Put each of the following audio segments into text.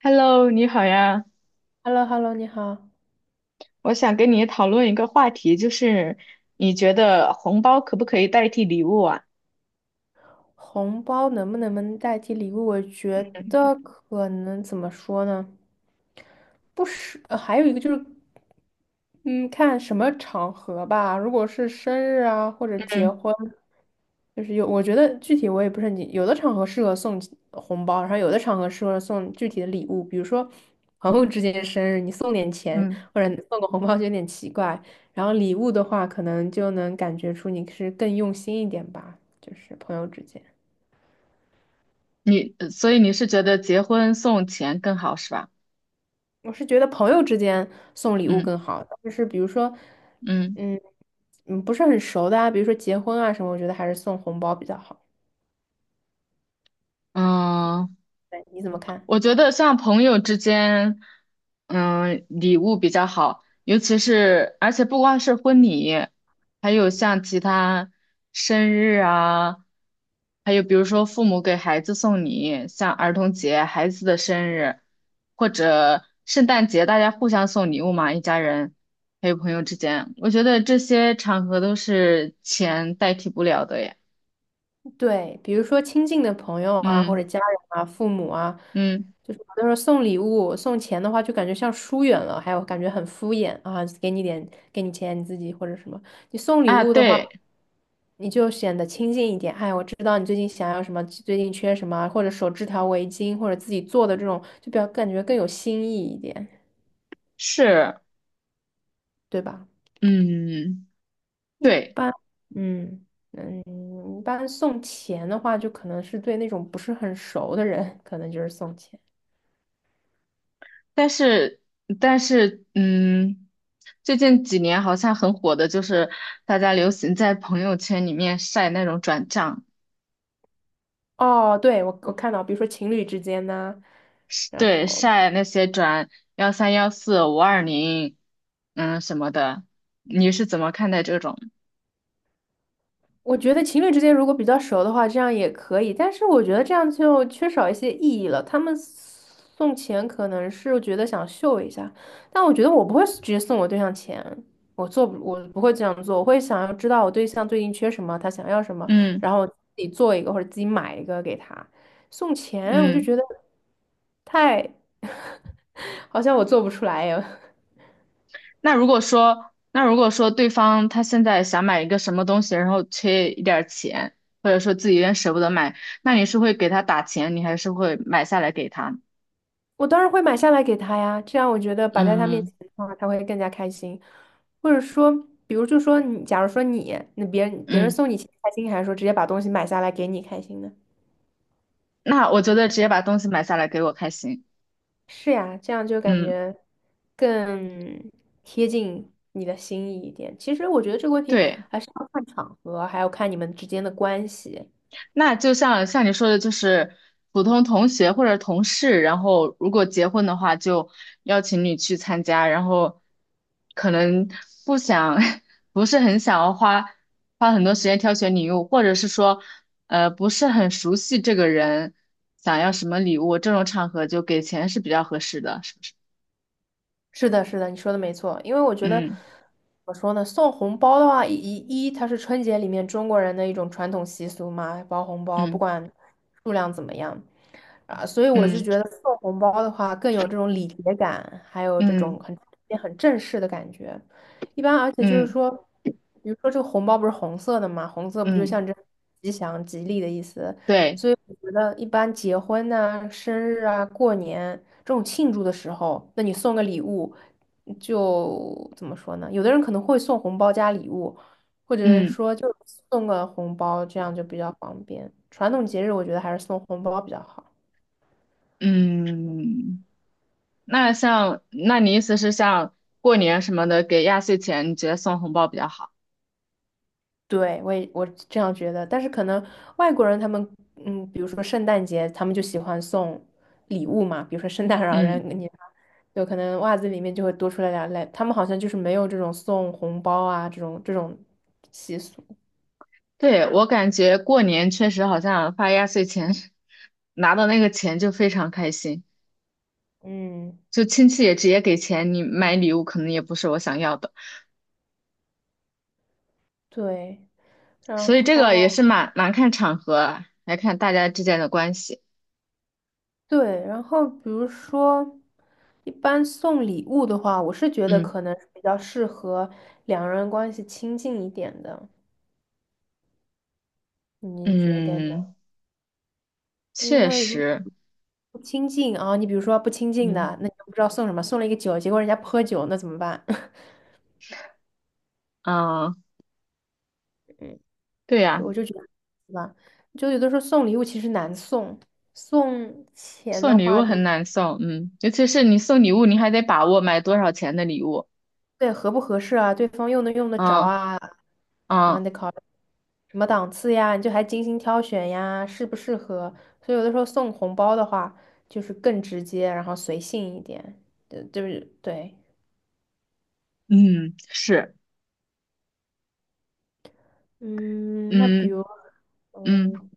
Hello，你好呀，h e l l o hello 你好。我想跟你讨论一个话题，就是你觉得红包可不可以代替礼物啊？红包能不能代替礼物？我觉得可能怎么说呢？不是，还有一个就是，嗯，看什么场合吧。如果是生日啊，或者结嗯婚，就是有，我觉得具体我也不是很清，有的场合适合送红包，然后有的场合适合送具体的礼物，比如说朋友之间的生日，你送点钱嗯，或者送个红包就有点奇怪。然后礼物的话，可能就能感觉出你是更用心一点吧，就是朋友之间。所以你是觉得结婚送钱更好是吧？我是觉得朋友之间送礼物更嗯好，就是比如说，嗯嗯不是很熟的啊，比如说结婚啊什么，我觉得还是送红包比较好。嗯，对，你怎么看？我觉得像朋友之间，礼物比较好，尤其是，而且不光是婚礼，还有像其他生日啊，还有比如说父母给孩子送礼，像儿童节、孩子的生日，或者圣诞节，大家互相送礼物嘛，一家人，还有朋友之间，我觉得这些场合都是钱代替不了的耶。对，比如说亲近的朋友啊，或者嗯家人啊、父母啊，嗯就是有的时候送礼物、送钱的话，就感觉像疏远了，还有感觉很敷衍啊，给你点，给你钱，你自己或者什么。你送礼啊，物的话，对，你就显得亲近一点。哎，我知道你最近想要什么，最近缺什么，或者手织条围巾，或者自己做的这种，就比较感觉更有新意一点，是，对吧？嗯，一对。般，嗯一般送钱的话，就可能是对那种不是很熟的人，可能就是送钱。但是，但是，最近几年好像很火的就是大家流行在朋友圈里面晒那种转账，哦，对，我看到，比如说情侣之间呐、是然对，后晒那些转1314520，什么的。你是怎么看待这种？我觉得情侣之间如果比较熟的话，这样也可以，但是我觉得这样就缺少一些意义了。他们送钱可能是觉得想秀一下，但我觉得我不会直接送我对象钱，我不会这样做，我会想要知道我对象最近缺什么，他想要什么，嗯然后自己做一个或者自己买一个给他。送钱，我就嗯，觉得太，好像我做不出来呀。那如果说对方他现在想买一个什么东西，然后缺一点儿钱，或者说自己有点舍不得买，那你是会给他打钱，你还是会买下来给他？我当然会买下来给他呀，这样我觉得摆在他面嗯前的话，他会更加开心。或者说，比如就说你，假如说你，那别人别人嗯。送你钱开心，还是说直接把东西买下来给你开心呢？那我觉得直接把东西买下来给我开心。是呀，这样就感嗯，觉更贴近你的心意一点。其实我觉得这个问题对。还是要看场合，还要看你们之间的关系。那就像你说的，就是普通同学或者同事，然后如果结婚的话，就邀请你去参加，然后可能不想，不是很想要花很多时间挑选礼物，或者是说，不是很熟悉这个人，想要什么礼物，这种场合就给钱是比较合适的，是不是？是的，是的，你说的没错。因为我觉得，怎嗯么说呢，送红包的话，它是春节里面中国人的一种传统习俗嘛，包红包，不嗯管数量怎么样。啊，所以我就嗯觉得送红包的话更有这种礼节感，还有这嗯种很正式的感觉。一般，而且就是嗯说，比如说这个红包不是红色的嘛，红色不就嗯，象征吉祥、吉利的意思？对，所以我觉得一般结婚呐、生日啊、过年这种庆祝的时候，那你送个礼物，就怎么说呢？有的人可能会送红包加礼物，或者是嗯。说就送个红包，这样就比较方便。传统节日我觉得还是送红包比较好。嗯，那你意思是像过年什么的给压岁钱，你觉得送红包比较好？对，我也我这样觉得，但是可能外国人他们，嗯，比如说圣诞节，他们就喜欢送礼物嘛，比如说圣诞老人嗯，给你，有可能袜子里面就会多出来两类，他们好像就是没有这种送红包啊这种习俗，对，我感觉过年确实好像发压岁钱，拿到那个钱就非常开心，嗯，就亲戚也直接给钱，你买礼物可能也不是我想要的，对，然所以这个也后是蛮看场合啊，来看大家之间的关系。对，然后比如说一般送礼物的话，我是觉得嗯可能是比较适合两人关系亲近一点的，你觉得呢？嗯，因确为实，不亲近啊、你比如说不亲近的，嗯那你就不知道送什么，送了一个酒，结果人家不喝酒，那怎么办？啊，嗯，对就呀、我就觉得，对吧？就有的时候送礼物其实难送，送钱的送礼物话就很难送，嗯，尤其是你送礼物，你还得把握买多少钱的礼物，对合不合适啊，对方用能用得着嗯啊，然后你嗯得考虑什么档次呀，你就还精心挑选呀，适不适合？所以有的时候送红包的话，就是更直接，然后随性一点，对，就是对，嗯，是，嗯，那比嗯如。嗯嗯，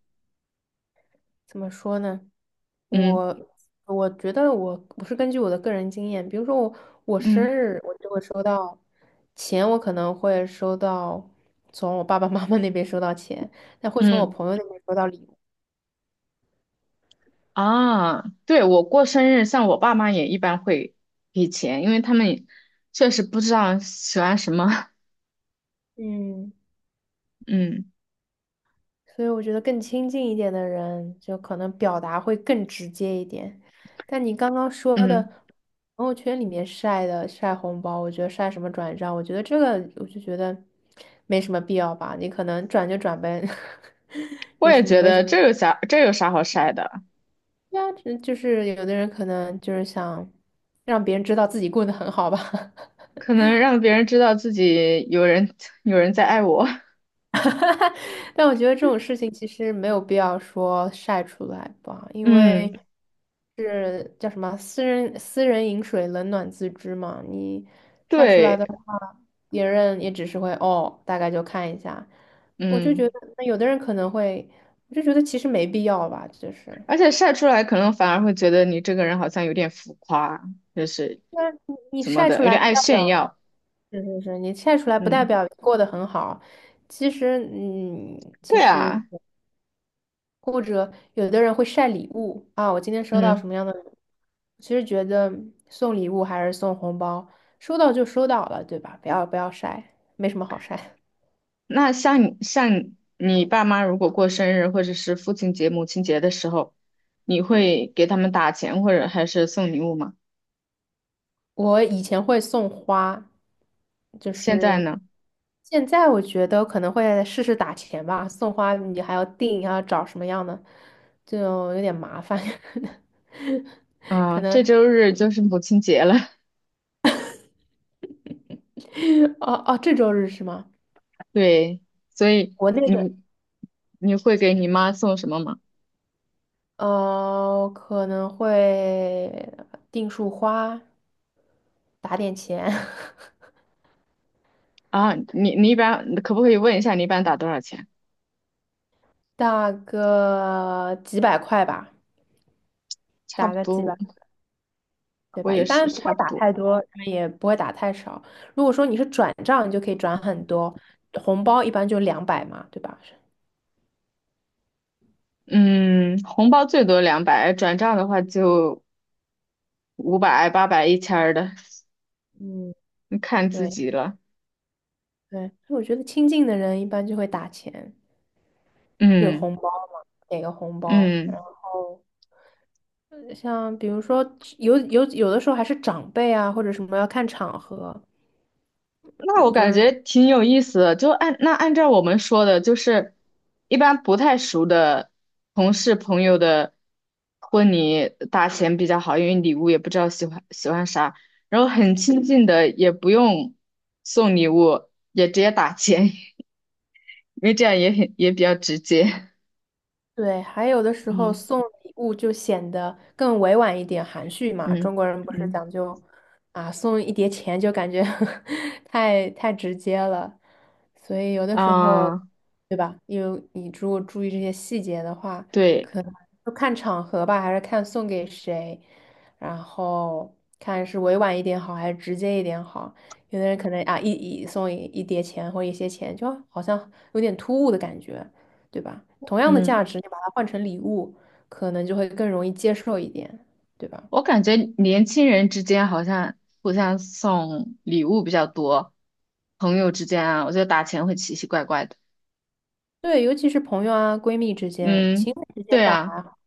怎么说呢？嗯我我觉得我是根据我的个人经验，比如说我我生嗯日我就会收到钱，我可能会收到从我爸爸妈妈那边收到钱，但会从我嗯朋友那边收到礼物。啊，对，我过生日，像我爸妈也一般会给钱，因为他们也确实不知道喜欢什么，嗯。嗯所以我觉得更亲近一点的人，就可能表达会更直接一点。但你刚刚说的嗯，朋友圈里面晒红包，我觉得晒什么转账，我觉得这个我就觉得没什么必要吧。你可能转就转呗，我有也什么觉没什得么？这有啥好晒的，对啊，只就是有的人可能就是想让别人知道自己过得很好吧。可能让别人知道自己有人 有人在爱我，但我觉得这种事情其实没有必要说晒出来吧，因为嗯，是叫什么“私人饮水，冷暖自知”嘛。你晒出来的对，话，别人也只是会哦，大概就看一下。我就觉嗯。得，那有的人可能会，我就觉得其实没必要吧，就是，而且晒出来可能反而会觉得你这个人好像有点浮夸，就是那你你怎么晒出的，有来点不爱代炫表，耀。是是是，你晒出来不代嗯，表过得很好。其实，嗯，其对实。啊，或者有的人会晒礼物啊，我今天收到什嗯，么样的礼物其实觉得送礼物还是送红包，收到就收到了，对吧？不要不要晒，没什么好晒。那像你像你爸妈如果过生日或者是父亲节、母亲节的时候，你会给他们打钱或者还是送礼物吗？我以前会送花，就现在是呢？现在我觉得可能会试试打钱吧。送花你还要定，还要找什么样的，就有点麻烦。可啊，能，这周日就是母亲节了，哦哦，这周日是吗？对，所以国内你的。你会给你妈送什么吗？呃，可能会订束花，打点钱，啊，你一般可不可以问一下你一般打多少钱？打个几百块吧，差打不个几百，多，对我吧？一也是般不会差不打多。太多，也不会打太少。如果说你是转账，你就可以转很多，红包一般就200嘛，对吧？嗯，红包最多200，转账的话就500、800、1000的，嗯，看自对己了。对，所以我觉得亲近的人一般就会打钱，有嗯红包嘛，给个红包，然嗯，后。像比如说有有有的时候还是长辈啊，或者什么要看场合，那我嗯，就感是。觉挺有意思的。就按照我们说的，就是一般不太熟的同事朋友的婚礼打钱比较好，因为礼物也不知道喜欢啥，然后很亲近的也不用送礼物，也直接打钱，因为这样也比较直接。对，还有的 时候嗯。送礼物就显得更委婉一点、含蓄嘛。中嗯国人不是嗯讲究啊，送一叠钱就感觉 太直接了，所以有的时候，啊，对吧？有你如果注意这些细节的话，对，可能就看场合吧，还是看送给谁，然后看是委婉一点好，还是直接一点好。有的人可能啊，送一叠钱或一些钱，就好像有点突兀的感觉。对吧？同样的嗯，价值，你把它换成礼物，可能就会更容易接受一点，对吧？我感觉年轻人之间好像互相送礼物比较多，朋友之间啊，我觉得打钱会奇奇怪怪的。对，尤其是朋友啊、闺蜜之间，情嗯，侣之间对倒啊，还好。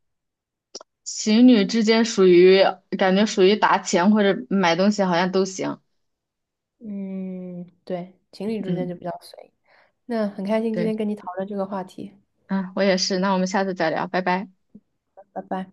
情侣之间感觉属于打钱或者买东西好像都行。嗯，对，情侣之间嗯，就比较随意。那很开心今对，天跟你讨论这个话题，啊，我也是，那我们下次再聊，拜拜。拜拜。